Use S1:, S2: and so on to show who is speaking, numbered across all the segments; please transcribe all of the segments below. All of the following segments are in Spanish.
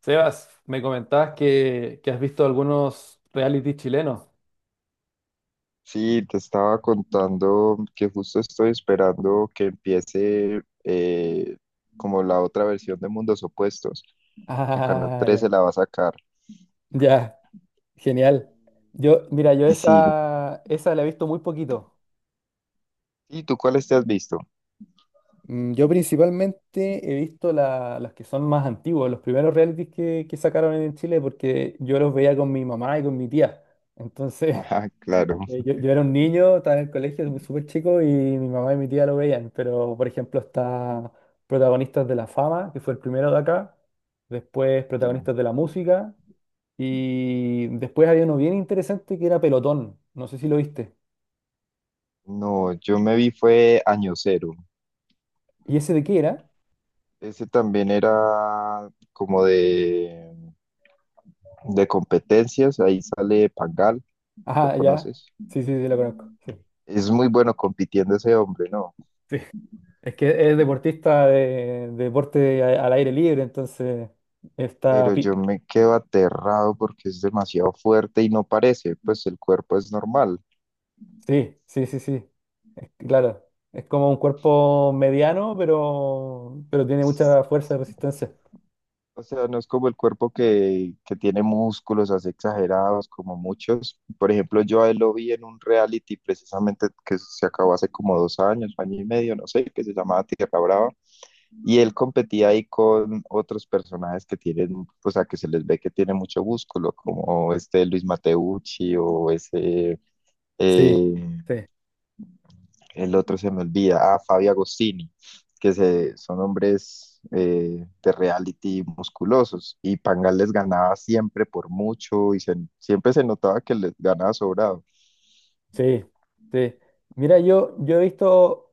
S1: Sebas, me comentabas que has visto algunos reality chilenos.
S2: Sí, te estaba contando que justo estoy esperando que empiece como la otra versión de Mundos Opuestos, que Canal
S1: Ah,
S2: 13
S1: ya,
S2: la va a sacar.
S1: ya, genial. Yo, mira, yo
S2: Y sí,
S1: esa, esa la he visto muy poquito.
S2: ¿y tú cuáles te has visto?
S1: Mm, yo principalmente he visto las que son más antiguos, los primeros realities que sacaron en Chile, porque yo los veía con mi mamá y con mi tía. Entonces,
S2: Ajá, claro.
S1: yo era un niño, estaba en el colegio, súper chico, y mi mamá y mi tía lo veían, pero por ejemplo está Protagonistas de la Fama, que fue el primero de acá, después
S2: Sí.
S1: Protagonistas de la Música, y después había uno bien interesante que era Pelotón, no sé si lo viste.
S2: No, yo me vi fue Año Cero.
S1: ¿Y ese de qué era?
S2: Ese también era como de competencias, ahí sale Pangal, ¿lo
S1: Ah, ya,
S2: conoces?
S1: sí, sí, sí, lo conozco. Sí,
S2: Es muy bueno compitiendo ese hombre, ¿no?
S1: sí. Es que es deportista de deporte al aire libre, entonces está
S2: Pero yo me quedo aterrado porque es demasiado fuerte y no parece, pues el cuerpo es normal.
S1: sí, sí, sí, sí. Claro, es como un cuerpo mediano, pero tiene mucha fuerza y resistencia.
S2: O sea, no es como el cuerpo que tiene músculos así exagerados como muchos. Por ejemplo, yo a él lo vi en un reality precisamente que se acabó hace como dos años, año y medio, no sé, que se llamaba Tierra Brava. Y él competía ahí con otros personajes que tienen, o sea, que se les ve que tienen mucho músculo, como este Luis Mateucci o ese
S1: Sí,
S2: eh,
S1: sí,
S2: el otro se me olvida, ah, Fabio Agostini, que se, son hombres de reality musculosos, y Pangal les ganaba siempre por mucho, y se- siempre se notaba que les ganaba sobrado.
S1: sí, sí. Mira, yo he visto,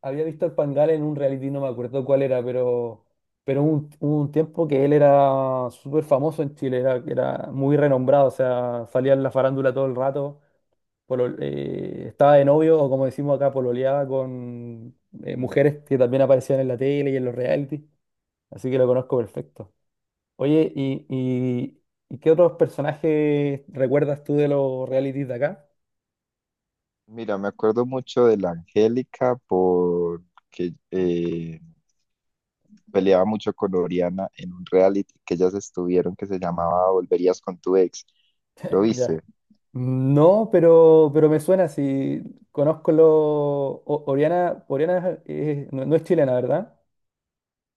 S1: había visto al Pangal en un reality, no me acuerdo cuál era, pero un tiempo que él era súper famoso en Chile, era muy renombrado, o sea, salía en la farándula todo el rato, estaba de novio, o como decimos acá, pololeaba con
S2: Mm,
S1: mujeres que también aparecían en la tele y en los reality. Así que lo conozco perfecto. Oye, ¿y qué otros personajes recuerdas tú de los realities de acá?
S2: mira, me acuerdo mucho de la Angélica porque peleaba mucho con Oriana en un reality que ellas estuvieron que se llamaba Volverías con tu ex. ¿Lo
S1: Ya.
S2: viste?
S1: No, pero me suena si conozco lo... Oriana, no, no es chilena, ¿verdad?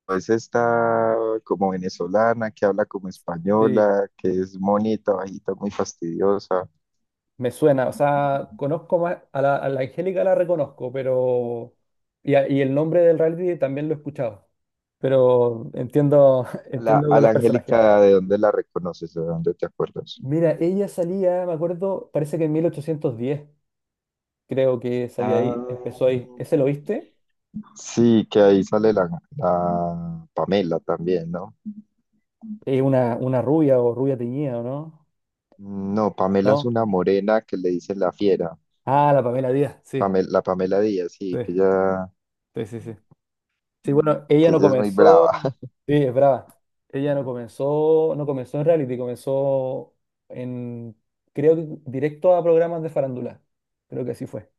S2: Es esta como venezolana que habla como
S1: Sí,
S2: española, que es monita, bajita, muy fastidiosa.
S1: me suena. O sea, conozco más... a la Angélica la reconozco, pero... Y, y el nombre del reality también lo he escuchado. Pero entiendo, entiendo
S2: A
S1: con los
S2: la
S1: personajes.
S2: Angélica, ¿de dónde la reconoces? ¿De dónde te acuerdas?
S1: Mira, ella salía, me acuerdo, parece que en 1810. Creo que salió
S2: Ah,
S1: ahí, empezó ahí. ¿Ese lo viste?
S2: sí, que ahí sale la, la Pamela también, ¿no?
S1: Una rubia o rubia teñida, ¿o ¿no?
S2: No, Pamela es
S1: ¿No?
S2: una morena que le dicen la fiera.
S1: Ah, la Pamela Díaz, sí,
S2: Pame- la Pamela Díaz,
S1: sí,
S2: sí,
S1: sí, sí, sí. Sí, bueno, ella
S2: que
S1: no
S2: ella es muy brava.
S1: comenzó, sí, es brava. Ella no comenzó, no comenzó en reality, comenzó en, creo que directo a programas de farándula. Creo que así fue,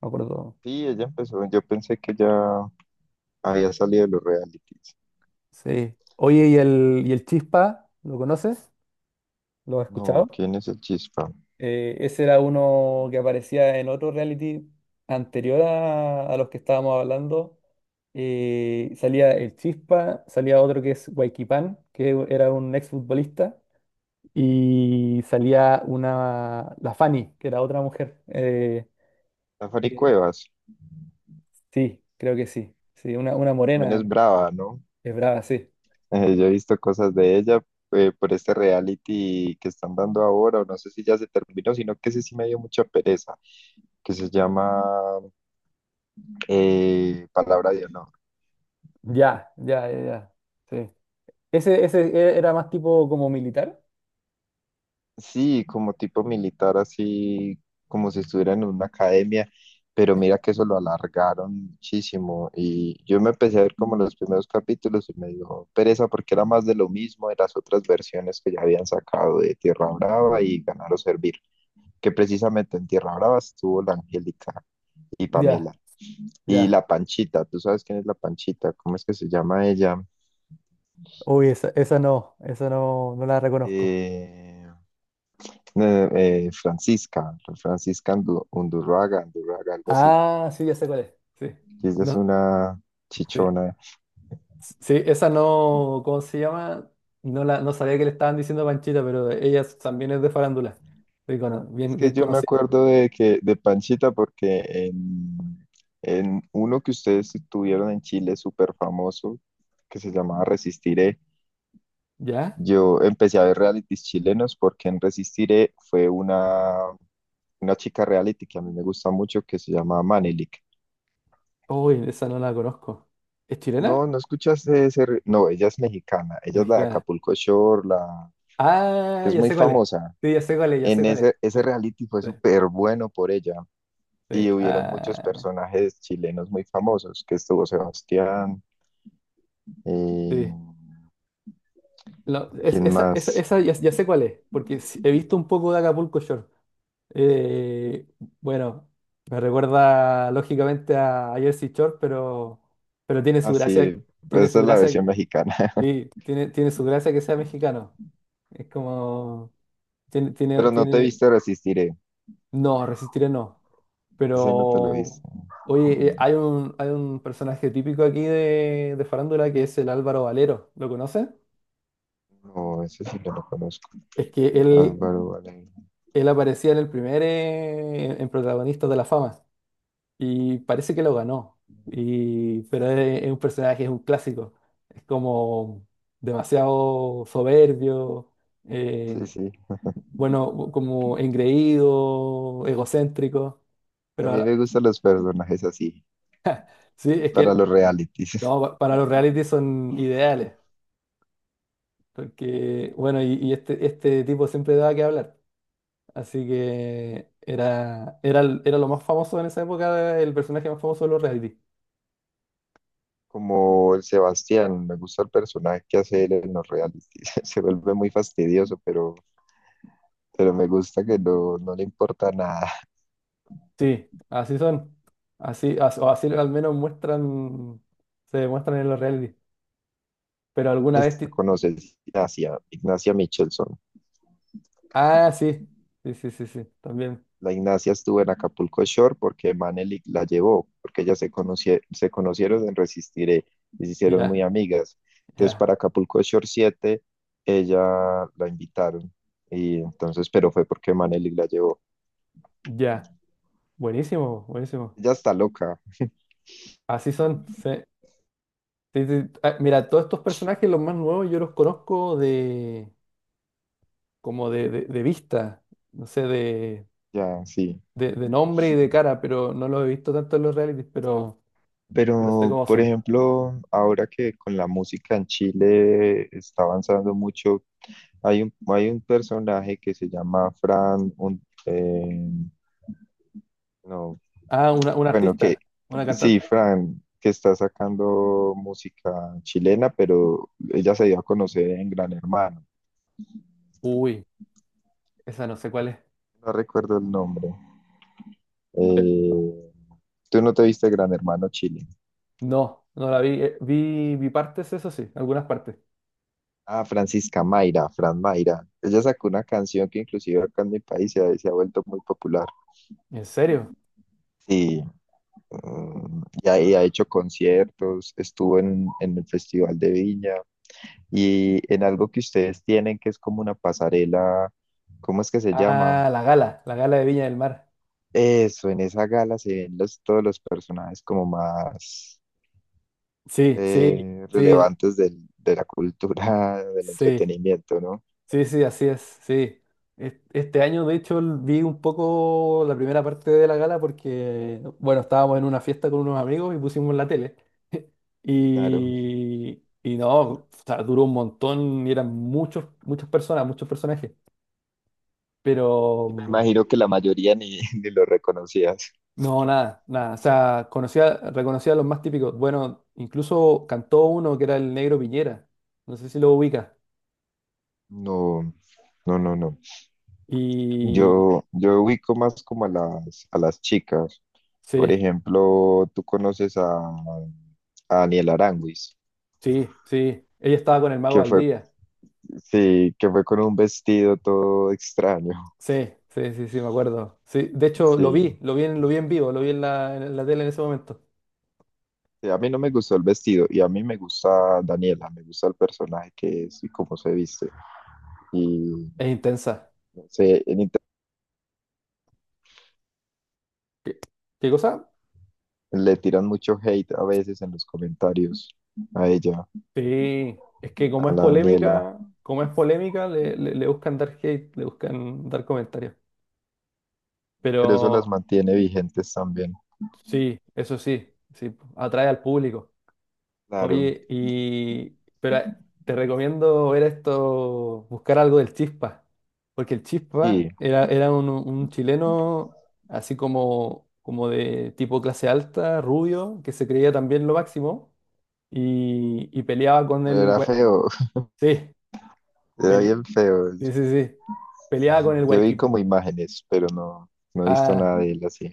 S1: me acuerdo.
S2: Sí, ella empezó, yo pensé que ya había salido de los realities.
S1: Sí. Oye, ¿y el Chispa? ¿Lo conoces? ¿Lo has
S2: No,
S1: escuchado?
S2: ¿quién es el Chispa?
S1: Ese era uno que aparecía en otro reality anterior a los que estábamos hablando. Salía el Chispa, salía otro que es Huayquipán, que era un exfutbolista, y salía una, la Fanny, que era otra mujer.
S2: Safari
S1: Eh,
S2: Cuevas
S1: sí, creo que sí. Sí, una
S2: también es
S1: morena,
S2: brava, ¿no?
S1: es brava, sí.
S2: Yo he visto cosas de ella por este reality que están dando ahora, o no sé si ya se terminó, sino que ese sí me dio mucha pereza, que se llama Palabra de Honor.
S1: Ya, ya, ya, ya. Sí. Ese era más tipo como militar.
S2: Sí, como tipo militar, así como si estuviera en una academia, pero mira que eso lo alargaron muchísimo y yo me empecé a ver como los primeros capítulos y me dio pereza porque era más de lo mismo de las otras versiones que ya habían sacado de Tierra Brava y Ganar o Servir, que precisamente en Tierra Brava estuvo la Angélica y Pamela
S1: Ya,
S2: y
S1: ya.
S2: la Panchita, ¿tú sabes quién es la Panchita? ¿Cómo es que se llama ella?
S1: Uy, esa, esa no, no la reconozco.
S2: Eh, no, Francisca, Francisca Andu- Undurraga, Undurraga, algo así.
S1: Ah, sí, ya sé cuál es. Sí.
S2: Y ella es
S1: No,
S2: una
S1: sí.
S2: chichona.
S1: Sí, esa no, ¿cómo se llama? No la, no sabía que le estaban diciendo Panchita, pero ella también es de farándula. Sí,
S2: Es
S1: bien, bien
S2: que yo me
S1: conocida.
S2: acuerdo de que de Panchita porque en uno que ustedes tuvieron en Chile súper famoso que se llamaba Resistiré.
S1: ¿Ya?
S2: Yo empecé a ver realities chilenos porque en Resistiré fue una chica reality que a mí me gusta mucho que se llama Manelik.
S1: Uy, esa no la conozco. ¿Es chilena?
S2: No, no escuchaste ese. Re- no, ella es mexicana.
S1: ¿Es
S2: Ella es la de
S1: mexicana?
S2: Acapulco Shore, la que
S1: Ah,
S2: es
S1: ya
S2: muy
S1: sé cuál es.
S2: famosa.
S1: Sí, ya sé cuál es, ya sé
S2: En
S1: cuál es.
S2: ese, ese
S1: Sí,
S2: reality fue
S1: sí,
S2: súper bueno por ella.
S1: sí.
S2: Y hubieron muchos
S1: Ah,
S2: personajes chilenos muy famosos, que estuvo Sebastián, eh,
S1: sí. No,
S2: ¿quién
S1: esa, esa,
S2: más?
S1: esa ya, ya sé cuál es, porque sí, he visto un poco de Acapulco Shore. Eh, bueno, me recuerda lógicamente a Jersey Shore, pero
S2: Así,
S1: tiene
S2: esa
S1: su
S2: es la
S1: gracia,
S2: versión mexicana.
S1: sí, tiene, tiene su gracia que sea mexicano. Es como, tiene, tiene,
S2: Pero no te
S1: tiene,
S2: viste Resistiré.
S1: no, resistiré no.
S2: Ese no te lo
S1: Pero,
S2: viste.
S1: oye, hay un personaje típico aquí de Farándula que es el Álvaro Valero. ¿Lo conoces?
S2: No, ese sí no lo conozco.
S1: Es que él,
S2: Álvaro Valenzuela.
S1: él aparecía en el primer, en Protagonistas de la Fama. Y parece que lo ganó. Y, pero es un personaje, es un clásico. Es como demasiado soberbio,
S2: Sí,
S1: eh,
S2: sí.
S1: bueno, como engreído, egocéntrico.
S2: A
S1: Pero
S2: mí me
S1: ahora-
S2: gustan los personajes así,
S1: sí, es
S2: para
S1: que
S2: los realities.
S1: no, para los reality son ideales. Porque, bueno, y, y este tipo siempre daba que hablar. Así que era, era, era lo más famoso en esa época, el personaje más famoso de los reality.
S2: Como el Sebastián, me gusta el personaje que hace él en los realities. Se vuelve muy fastidioso, pero me gusta que no, no le importa nada.
S1: Sí, así son. Así, o así al menos muestran, se demuestran en los reality. Pero alguna vez...
S2: Esta conoces Ignacia, Ignacia Michelson.
S1: Ah, sí. Sí, sí, sí, sí, también.
S2: La Ignacia estuvo en Acapulco Shore porque Manelik la llevó, porque ellas se, conocie- se conocieron en Resistiré y se hicieron muy
S1: Ya,
S2: amigas. Entonces,
S1: ya,
S2: para Acapulco Shore 7 ella la invitaron. Y entonces, pero fue porque Manelik la llevó.
S1: ya. Buenísimo, buenísimo.
S2: Ella está loca,
S1: Así son. Sí. Sí, sí. Ah, mira, todos estos personajes, los más nuevos, yo los conozco de como de, de vista, no sé,
S2: ya, sí.
S1: de nombre y de cara, pero no los he visto tanto en los realities, pero sé
S2: Pero,
S1: cómo
S2: por
S1: son.
S2: ejemplo, ahora que con la música en Chile está avanzando mucho, hay un personaje que se llama Fran, un, no,
S1: Ah, una
S2: bueno, que
S1: artista, una
S2: sí,
S1: cantante.
S2: Fran, que está sacando música chilena, pero ella se dio a conocer en Gran Hermano.
S1: Uy, esa no sé cuál es.
S2: No recuerdo el nombre. Eh, ¿Tú no te viste Gran Hermano Chile?
S1: No, no la vi. Vi, vi partes, eso sí, algunas partes.
S2: Ah, Francisca Mayra, Fran Mayra. Ella sacó una canción que inclusive acá en mi país se ha vuelto muy popular.
S1: ¿En serio?
S2: Sí, mm, y ha hecho conciertos, estuvo en el Festival de Viña, y en algo que ustedes tienen que es como una pasarela, ¿cómo es que se llama?
S1: Ah, la gala de Viña del Mar.
S2: Eso, en esa gala se ven los, todos los personajes como más
S1: Sí, sí, sí,
S2: relevantes del- de la cultura, del
S1: sí,
S2: entretenimiento, ¿no?
S1: sí, sí, así es, sí. Este año, de hecho, vi un poco la primera parte de la gala porque, bueno, estábamos en una fiesta con unos amigos y pusimos la tele.
S2: Claro, me
S1: Y, y no, o sea, duró un montón y eran muchos, muchas personas, muchos personajes. Pero. mm,
S2: imagino que la mayoría ni, ni lo reconocías.
S1: No, nada, nada. O sea, conocía, reconocía a los más típicos. Bueno, incluso cantó uno que era el Negro Piñera. No sé si lo ubica.
S2: No, no, no, no.
S1: Y
S2: Yo ubico más como a las chicas. Por
S1: sí,
S2: ejemplo, tú conoces a Daniel Aránguiz,
S1: sí, sí. Ella estaba con el Mago
S2: que fue
S1: Valdivia.
S2: sí, que fue con un vestido todo extraño.
S1: Sí, sí, sí, sí, me acuerdo. Sí, de hecho
S2: Sí.
S1: lo vi en vivo, lo vi en la tele en ese momento.
S2: Sí, a mí no me gustó el vestido y a mí me gusta Daniela, me gusta el personaje que es y cómo se viste. Y
S1: Es intensa.
S2: se en inter-
S1: ¿Qué, qué cosa?
S2: le tiran mucho hate a veces en los comentarios a ella,
S1: Sí, es que
S2: a la Daniela,
S1: como es polémica, le, le le buscan dar hate, le buscan dar comentarios.
S2: pero eso
S1: Pero
S2: las mantiene vigentes también.
S1: sí, eso sí, sí, atrae al público.
S2: Claro,
S1: Oye, y pero te recomiendo ver esto, buscar algo del Chispa, porque el
S2: sí,
S1: Chispa era, era un chileno así como, como de tipo clase alta, rubio, que se creía también lo máximo y peleaba con
S2: pero
S1: el...
S2: era feo,
S1: Sí,
S2: era
S1: pele-
S2: bien feo.
S1: sí, sí, sí, peleaba con el
S2: Yo vi
S1: Hualqui...
S2: como imágenes, pero no, no he visto nada de él así.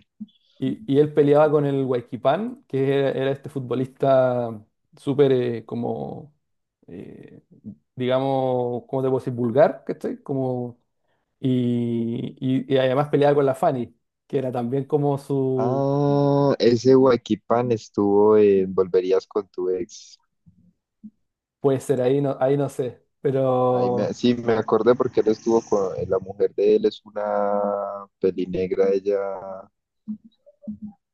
S1: Y, y él peleaba con el Huayquipán, que era, era este futbolista súper eh, digamos, ¿cómo te puedo decir? Vulgar, ¿cachai? Como, y además peleaba con la Fanny, que era también como su,
S2: Ah, ese Huaquipán estuvo en Volverías con tu ex.
S1: puede ser, ahí no sé,
S2: Ahí me,
S1: pero
S2: sí, me acordé porque él estuvo con la mujer de él, es una pelinegra, ella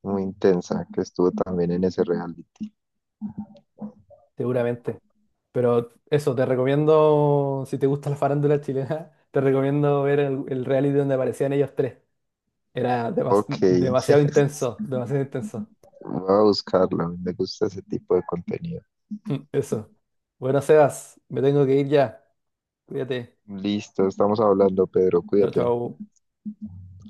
S2: muy intensa, que estuvo también en ese reality.
S1: seguramente. Pero eso, te recomiendo, si te gusta la farándula chilena, te recomiendo ver el reality donde aparecían ellos tres. Era
S2: Ok,
S1: demasiado intenso, demasiado intenso.
S2: voy a buscarlo, me gusta ese tipo de contenido.
S1: Eso. Bueno, Sebas, me tengo que ir ya. Cuídate.
S2: Listo, estamos hablando, Pedro,
S1: Chao,
S2: cuídate.
S1: chao.